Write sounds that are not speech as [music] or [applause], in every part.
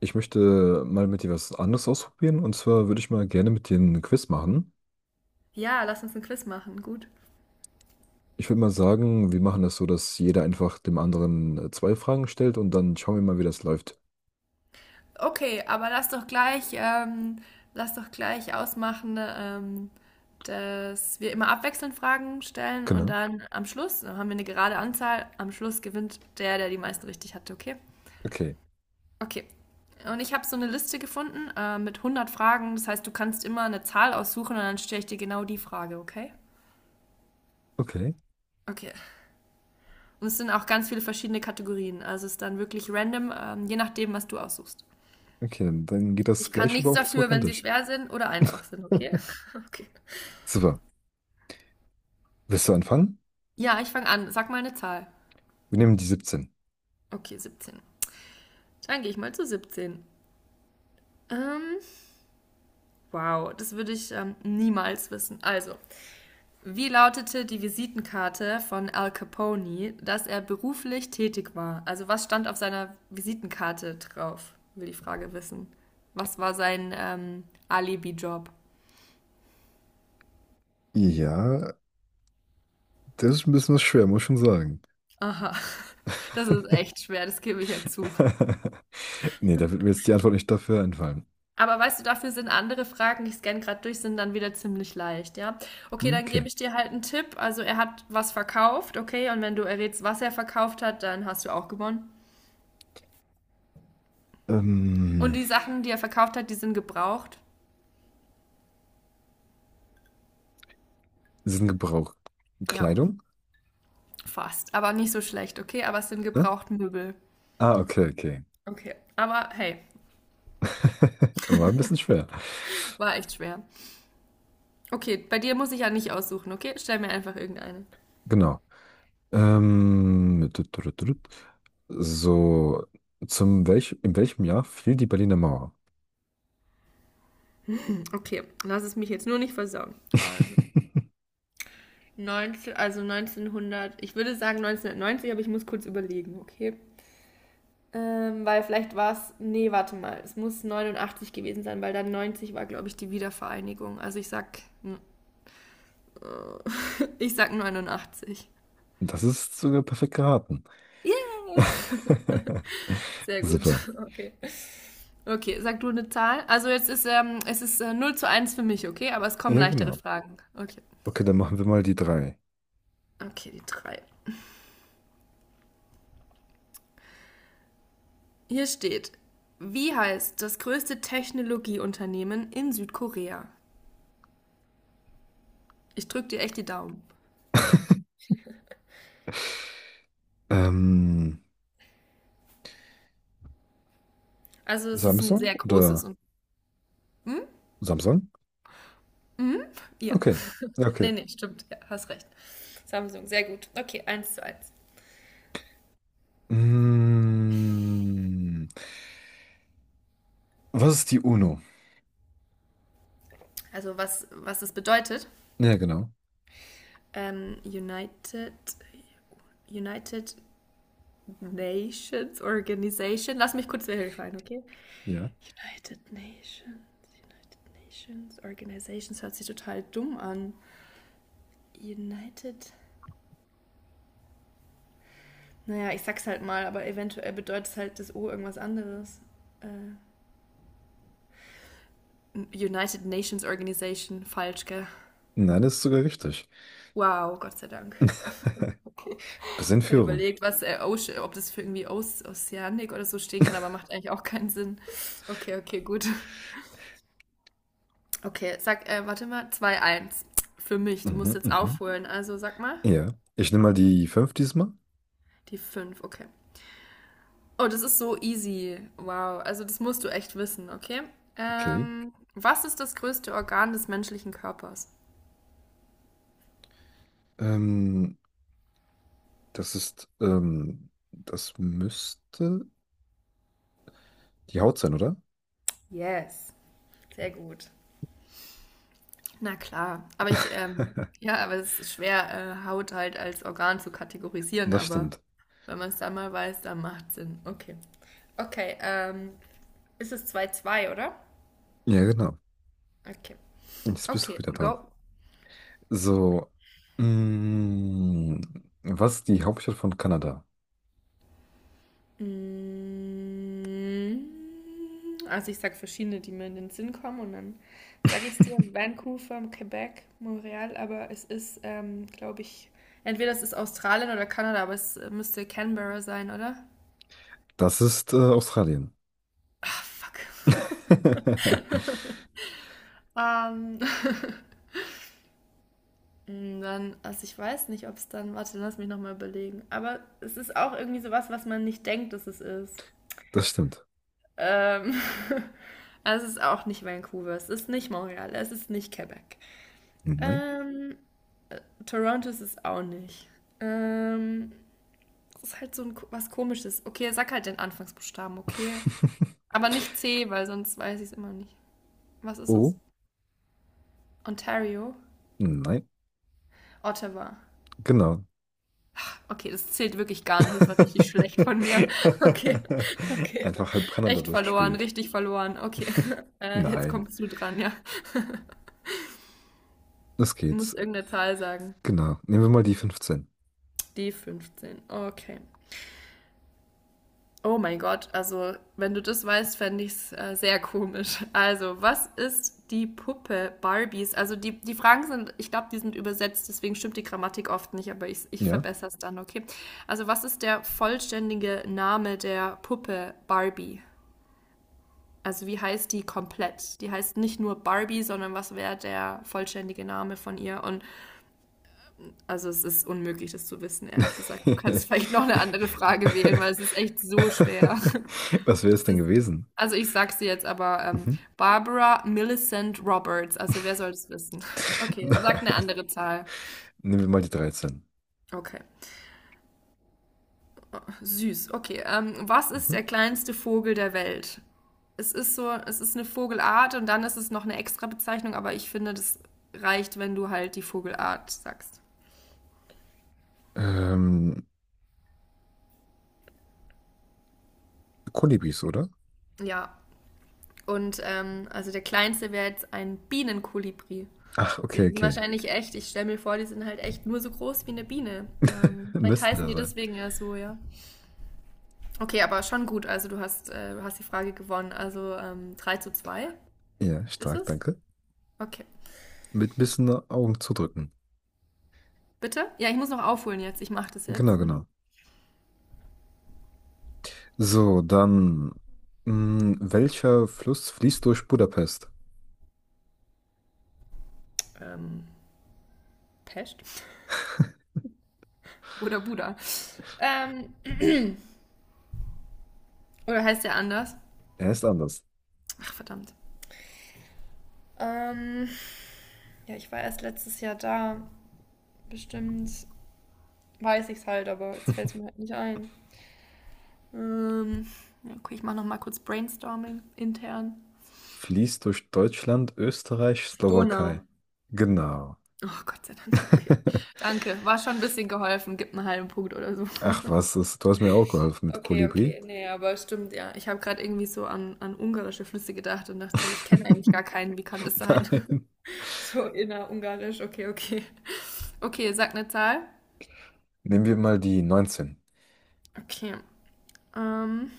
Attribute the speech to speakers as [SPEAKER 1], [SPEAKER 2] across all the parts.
[SPEAKER 1] Ich möchte mal mit dir was anderes ausprobieren. Und zwar würde ich mal gerne mit dir einen Quiz machen.
[SPEAKER 2] Ja, lass uns ein Quiz machen. Gut.
[SPEAKER 1] Ich würde mal sagen, wir machen das so, dass jeder einfach dem anderen zwei Fragen stellt und dann schauen wir mal, wie das läuft.
[SPEAKER 2] Okay, aber lass doch gleich ausmachen, dass wir immer abwechselnd Fragen stellen und
[SPEAKER 1] Genau.
[SPEAKER 2] dann am Schluss, dann haben wir eine gerade Anzahl. Am Schluss gewinnt der, der die meisten richtig hatte, okay?
[SPEAKER 1] Okay.
[SPEAKER 2] Okay. Und ich habe so eine Liste gefunden mit 100 Fragen. Das heißt, du kannst immer eine Zahl aussuchen und dann stelle ich dir genau die Frage, okay?
[SPEAKER 1] Okay.
[SPEAKER 2] Okay. Und es sind auch ganz viele verschiedene Kategorien. Also es ist dann wirklich random, je nachdem, was du aussuchst.
[SPEAKER 1] Okay, dann geht das
[SPEAKER 2] Ich kann
[SPEAKER 1] gleich aber
[SPEAKER 2] nichts
[SPEAKER 1] auch
[SPEAKER 2] dafür,
[SPEAKER 1] zurück an
[SPEAKER 2] wenn sie
[SPEAKER 1] dich.
[SPEAKER 2] schwer sind oder einfach sind, okay?
[SPEAKER 1] [laughs]
[SPEAKER 2] [laughs] Okay.
[SPEAKER 1] Super. Willst du anfangen?
[SPEAKER 2] Ja, ich fange an. Sag mal eine Zahl.
[SPEAKER 1] Wir nehmen die 17.
[SPEAKER 2] Okay, 17. Dann gehe ich mal zu 17. Ähm, wow, das würde ich niemals wissen. Also, wie lautete die Visitenkarte von Al Capone, dass er beruflich tätig war? Also, was stand auf seiner Visitenkarte drauf? Will die Frage wissen. Was war sein Alibi-Job?
[SPEAKER 1] Ja, das ist ein bisschen was schwer, muss ich schon sagen.
[SPEAKER 2] Aha, [laughs] das ist echt schwer, das gebe ich ja zu.
[SPEAKER 1] [laughs] Nee, da wird mir jetzt die Antwort nicht dafür einfallen.
[SPEAKER 2] Aber weißt du, dafür sind andere Fragen, ich scanne gerade durch, sind dann wieder ziemlich leicht, ja? Okay, dann gebe
[SPEAKER 1] Okay.
[SPEAKER 2] ich dir halt einen Tipp. Also er hat was verkauft, okay? Und wenn du errätst, was er verkauft hat, dann hast du auch gewonnen. Und
[SPEAKER 1] Ähm,
[SPEAKER 2] die Sachen, die er verkauft hat, die sind gebraucht.
[SPEAKER 1] sind Gebrauch
[SPEAKER 2] Ja,
[SPEAKER 1] Kleidung?
[SPEAKER 2] fast. Aber nicht so schlecht, okay? Aber es sind
[SPEAKER 1] Ne?
[SPEAKER 2] gebraucht Möbel.
[SPEAKER 1] Ah, okay, okay.
[SPEAKER 2] Okay. Aber hey,
[SPEAKER 1] [laughs] War ein bisschen schwer.
[SPEAKER 2] war echt schwer. Okay, bei dir muss ich ja nicht aussuchen, okay? Stell mir einfach irgendeine.
[SPEAKER 1] Genau. Tut, tut, tut, tut. So, zum welch, in welchem Jahr fiel die Berliner Mauer?
[SPEAKER 2] Okay, lass es mich jetzt nur nicht versauen.
[SPEAKER 1] [laughs]
[SPEAKER 2] 19, also 1900, ich würde sagen 1990, aber ich muss kurz überlegen, okay? Weil vielleicht war es, nee, warte mal, es muss 89 gewesen sein, weil dann 90 war, glaube ich, die Wiedervereinigung. Also ich sag, [laughs] ich sag 89.
[SPEAKER 1] Das ist sogar perfekt geraten.
[SPEAKER 2] Yeah!
[SPEAKER 1] [laughs]
[SPEAKER 2] Sehr gut,
[SPEAKER 1] Super.
[SPEAKER 2] [laughs] okay. Okay, sag du eine Zahl. Also jetzt ist, es ist 0 zu eins für mich, okay? Aber es kommen
[SPEAKER 1] Ja,
[SPEAKER 2] leichtere
[SPEAKER 1] genau.
[SPEAKER 2] Fragen. Okay,
[SPEAKER 1] Okay, dann machen wir mal die drei.
[SPEAKER 2] okay, die drei. Hier steht, wie heißt das größte Technologieunternehmen in Südkorea? Ich drücke dir echt die Daumen.
[SPEAKER 1] Ähm,
[SPEAKER 2] Also es ist ein
[SPEAKER 1] Samsung
[SPEAKER 2] sehr großes
[SPEAKER 1] oder
[SPEAKER 2] und... Hm?
[SPEAKER 1] Samsung?
[SPEAKER 2] Hm? Ja.
[SPEAKER 1] Okay. Ja, okay.
[SPEAKER 2] Nee, nee, stimmt. Ja, hast recht. Samsung, sehr gut. Okay, 1:1.
[SPEAKER 1] Mm, was ist die UNO?
[SPEAKER 2] Also was, was das bedeutet.
[SPEAKER 1] Ja, genau.
[SPEAKER 2] Ähm, United, United Nations Organization. Lass mich kurz verifizieren, okay?
[SPEAKER 1] Ja.
[SPEAKER 2] United Nations, United Nations Organizations hört sich total dumm an. United. Naja, ich sag's halt mal, aber eventuell bedeutet halt das O irgendwas anderes. Äh, United Nations Organization, falsch, gell?
[SPEAKER 1] Nein, das ist sogar richtig.
[SPEAKER 2] Wow, Gott sei Dank.
[SPEAKER 1] Bisschen
[SPEAKER 2] Gerade
[SPEAKER 1] Führung.
[SPEAKER 2] überlegt, was, Oce- ob das für irgendwie Oceanic oder so stehen kann, aber macht eigentlich auch keinen Sinn. Okay, okay, gut. Okay, sag, warte mal, 2:1 für mich. Du musst
[SPEAKER 1] Mhm,
[SPEAKER 2] jetzt
[SPEAKER 1] mhm.
[SPEAKER 2] aufholen. Also sag mal,
[SPEAKER 1] Ja. Ich nehme mal die 5 diesmal.
[SPEAKER 2] die 5. Okay. Oh, das ist so easy. Wow, also das musst du echt wissen, okay?
[SPEAKER 1] Okay.
[SPEAKER 2] Was ist das größte Organ des menschlichen Körpers?
[SPEAKER 1] Ähm, das ist, das müsste die Haut sein, oder?
[SPEAKER 2] Yes, sehr gut. Na klar, aber ich, ja, aber es ist schwer, Haut halt als Organ zu kategorisieren,
[SPEAKER 1] Das
[SPEAKER 2] aber
[SPEAKER 1] stimmt.
[SPEAKER 2] wenn man es dann mal weiß, dann macht es Sinn. Okay. Okay, ist es 2:2, oder?
[SPEAKER 1] Ja, genau.
[SPEAKER 2] Okay.
[SPEAKER 1] Jetzt bist du
[SPEAKER 2] Okay,
[SPEAKER 1] wieder dran.
[SPEAKER 2] go.
[SPEAKER 1] So. Mm, was ist die Hauptstadt von Kanada?
[SPEAKER 2] Mm, Also ich sag verschiedene, die mir in den Sinn kommen und dann sage ich es dir.
[SPEAKER 1] [laughs]
[SPEAKER 2] Vancouver, Quebec, Montreal, aber es ist, glaube ich, entweder es ist Australien oder Kanada, aber es müsste Canberra sein, oder?
[SPEAKER 1] Das ist Australien.
[SPEAKER 2] Ah, fuck.
[SPEAKER 1] [laughs]
[SPEAKER 2] Ähm, Dann, also ich weiß nicht, ob es dann, warte, lass mich nochmal überlegen. Aber es ist auch irgendwie sowas, was man nicht denkt, dass es ist.
[SPEAKER 1] Das stimmt.
[SPEAKER 2] Ähm, [laughs] also es ist auch nicht Vancouver, es ist nicht Montreal, es ist nicht Quebec.
[SPEAKER 1] Nein.
[SPEAKER 2] Ähm, Toronto ist es auch nicht. Ähm, es ist halt so ein, was Komisches. Okay, sag halt den Anfangsbuchstaben, okay?
[SPEAKER 1] [laughs]
[SPEAKER 2] Aber nicht C, weil sonst weiß ich es immer nicht. Was ist
[SPEAKER 1] Oh,
[SPEAKER 2] es? Ontario?
[SPEAKER 1] nein.
[SPEAKER 2] Ottawa.
[SPEAKER 1] Genau.
[SPEAKER 2] Okay, das zählt wirklich gar nicht. Das war richtig schlecht von mir. [laughs] Okay,
[SPEAKER 1] [laughs]
[SPEAKER 2] okay.
[SPEAKER 1] Einfach halb Kanada
[SPEAKER 2] Echt verloren,
[SPEAKER 1] durchgespielt.
[SPEAKER 2] richtig verloren. Okay, [laughs] jetzt
[SPEAKER 1] Nein,
[SPEAKER 2] kommst du dran, ja.
[SPEAKER 1] das
[SPEAKER 2] Du musst
[SPEAKER 1] geht's.
[SPEAKER 2] irgendeine Zahl sagen.
[SPEAKER 1] Genau. Nehmen wir mal die 15.
[SPEAKER 2] Die 15. Okay. Oh mein Gott, also wenn du das weißt, fände ich es sehr komisch. Also, was ist die Puppe Barbies? Also die, die Fragen sind, ich glaube, die sind übersetzt, deswegen stimmt die Grammatik oft nicht, aber ich
[SPEAKER 1] Ja.
[SPEAKER 2] verbessere es dann, okay? Also, was ist der vollständige Name der Puppe Barbie? Also wie heißt die komplett? Die heißt nicht nur Barbie, sondern was wäre der vollständige Name von ihr? Und also es ist unmöglich, das zu wissen, ehrlich gesagt. Du kannst
[SPEAKER 1] [laughs]
[SPEAKER 2] vielleicht noch eine andere Frage wählen, weil es ist echt so schwer. [laughs]
[SPEAKER 1] Was wäre es
[SPEAKER 2] Es
[SPEAKER 1] denn
[SPEAKER 2] ist,
[SPEAKER 1] gewesen?
[SPEAKER 2] also ich sag's dir jetzt aber,
[SPEAKER 1] Mhm.
[SPEAKER 2] Barbara Millicent Roberts. Also wer soll das wissen?
[SPEAKER 1] [laughs]
[SPEAKER 2] Okay,
[SPEAKER 1] Nein.
[SPEAKER 2] sag eine andere Zahl.
[SPEAKER 1] Nehmen wir mal die 13.
[SPEAKER 2] Okay. Süß, okay. Was ist
[SPEAKER 1] Mhm.
[SPEAKER 2] der kleinste Vogel der Welt? Es ist so, es ist eine Vogelart und dann ist es noch eine extra Bezeichnung, aber ich finde, das reicht, wenn du halt die Vogelart sagst.
[SPEAKER 1] Ähm, Kolibris, oder?
[SPEAKER 2] Ja, und also der kleinste wäre jetzt ein Bienenkolibri.
[SPEAKER 1] Ach,
[SPEAKER 2] Die
[SPEAKER 1] okay,
[SPEAKER 2] sind
[SPEAKER 1] okay.
[SPEAKER 2] wahrscheinlich echt, ich stelle mir vor, die sind halt echt nur so groß wie eine Biene.
[SPEAKER 1] [laughs]
[SPEAKER 2] Vielleicht
[SPEAKER 1] Müssen
[SPEAKER 2] heißen
[SPEAKER 1] da
[SPEAKER 2] die
[SPEAKER 1] sein.
[SPEAKER 2] deswegen ja so, ja. Okay, aber schon gut, also du hast die Frage gewonnen. Also 3 zu zwei
[SPEAKER 1] Ja,
[SPEAKER 2] ist
[SPEAKER 1] stark,
[SPEAKER 2] es?
[SPEAKER 1] danke.
[SPEAKER 2] Okay.
[SPEAKER 1] Mit ein bisschen Augen zudrücken.
[SPEAKER 2] Bitte? Ja, ich muss noch aufholen jetzt. Ich mache das
[SPEAKER 1] Genau,
[SPEAKER 2] jetzt. Mhm.
[SPEAKER 1] genau. So, dann. Mh, welcher Fluss fließt durch Budapest?
[SPEAKER 2] Ähm, Pest? Oder Buddha? Ähm, oder heißt der anders?
[SPEAKER 1] Er ist anders.
[SPEAKER 2] Ach, verdammt. Ähm, ja, ich war erst letztes Jahr da. Bestimmt weiß ich es halt, aber jetzt fällt es mir halt nicht ein. Ähm, ja, okay, ich mache noch mal kurz Brainstorming intern.
[SPEAKER 1] Fließt durch Deutschland, Österreich,
[SPEAKER 2] Donau.
[SPEAKER 1] Slowakei. Genau.
[SPEAKER 2] Oh, Gott sei Dank, okay.
[SPEAKER 1] [laughs]
[SPEAKER 2] Danke, war schon ein bisschen geholfen. Gib einen halben Punkt oder so.
[SPEAKER 1] Ach, was das du hast mir auch geholfen mit
[SPEAKER 2] Okay,
[SPEAKER 1] Kolibri.
[SPEAKER 2] okay. Nee, aber stimmt, ja. Ich habe gerade irgendwie so an, an ungarische Flüsse gedacht und dachte, so, ich kenne eigentlich gar
[SPEAKER 1] [laughs]
[SPEAKER 2] keinen. Wie kann das sein? [laughs]
[SPEAKER 1] Nein.
[SPEAKER 2] So innerungarisch. Okay, okay. Okay, sag eine Zahl.
[SPEAKER 1] Nehmen wir mal die 19.
[SPEAKER 2] Okay. Ähm,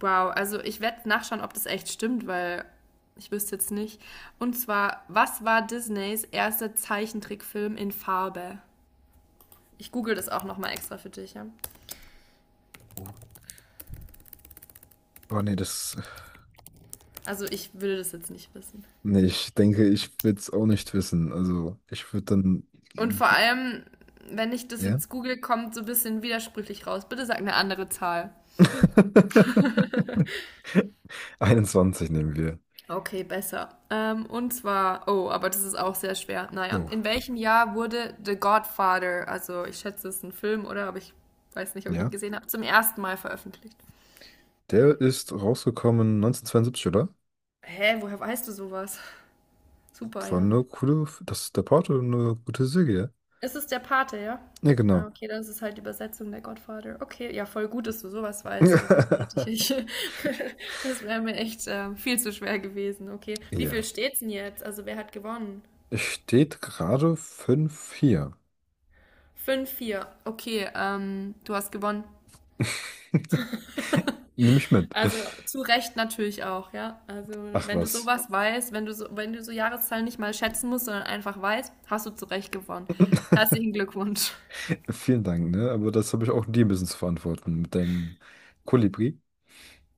[SPEAKER 2] wow, also ich werde nachschauen, ob das echt stimmt, weil ich wüsste jetzt nicht. Und zwar, was war Disneys erster Zeichentrickfilm in Farbe? Ich google das auch nochmal extra für dich, ja.
[SPEAKER 1] Oh, oh, nee, das.
[SPEAKER 2] Also ich würde das jetzt nicht wissen.
[SPEAKER 1] Nee, ich denke, ich würde es auch nicht wissen. Also, ich würde dann.
[SPEAKER 2] Und vor allem, wenn ich das
[SPEAKER 1] Ja?
[SPEAKER 2] jetzt google, kommt so ein bisschen widersprüchlich raus. Bitte sag eine andere Zahl.
[SPEAKER 1] [laughs] 21 nehmen wir.
[SPEAKER 2] Okay, besser. Und zwar, oh, aber das ist auch sehr schwer. Naja, in
[SPEAKER 1] Oh,
[SPEAKER 2] welchem Jahr wurde The Godfather, also ich schätze, es ist ein Film, oder? Aber ich weiß nicht, ob ich ihn
[SPEAKER 1] ja.
[SPEAKER 2] gesehen habe, zum ersten Mal veröffentlicht.
[SPEAKER 1] Der ist rausgekommen 1972, oder?
[SPEAKER 2] Hä, woher weißt du sowas? [laughs] Super,
[SPEAKER 1] War
[SPEAKER 2] ja.
[SPEAKER 1] eine coole. Das ist der Porto, eine gute Serie.
[SPEAKER 2] Ist es der Pate, ja?
[SPEAKER 1] Ja, ja, genau.
[SPEAKER 2] Ah, okay, das ist halt die Übersetzung der Godfather. Okay, ja, voll gut, dass du sowas weißt. Also, da hätte ich,
[SPEAKER 1] [laughs]
[SPEAKER 2] [laughs] das wäre mir echt viel zu schwer gewesen. Okay, wie viel
[SPEAKER 1] Ja.
[SPEAKER 2] steht's denn jetzt? Also, wer hat gewonnen?
[SPEAKER 1] Es steht gerade 5-4.
[SPEAKER 2] 5:4. Okay, du hast gewonnen.
[SPEAKER 1] [laughs] Nimm ich mit.
[SPEAKER 2] Also, zu Recht natürlich auch, ja? Also,
[SPEAKER 1] Ach
[SPEAKER 2] wenn du
[SPEAKER 1] was.
[SPEAKER 2] sowas weißt, wenn du so Jahreszahlen nicht mal schätzen musst, sondern einfach weißt, hast du zu Recht gewonnen. Herzlichen Glückwunsch.
[SPEAKER 1] Vielen Dank, ne? Aber das habe ich auch dir ein bisschen zu verantworten mit deinem Kolibri.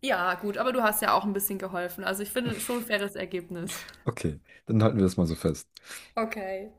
[SPEAKER 2] Ja, gut, aber du hast ja auch ein bisschen geholfen. Also, ich finde schon ein faires Ergebnis.
[SPEAKER 1] Okay, dann halten wir das mal so fest.
[SPEAKER 2] Okay.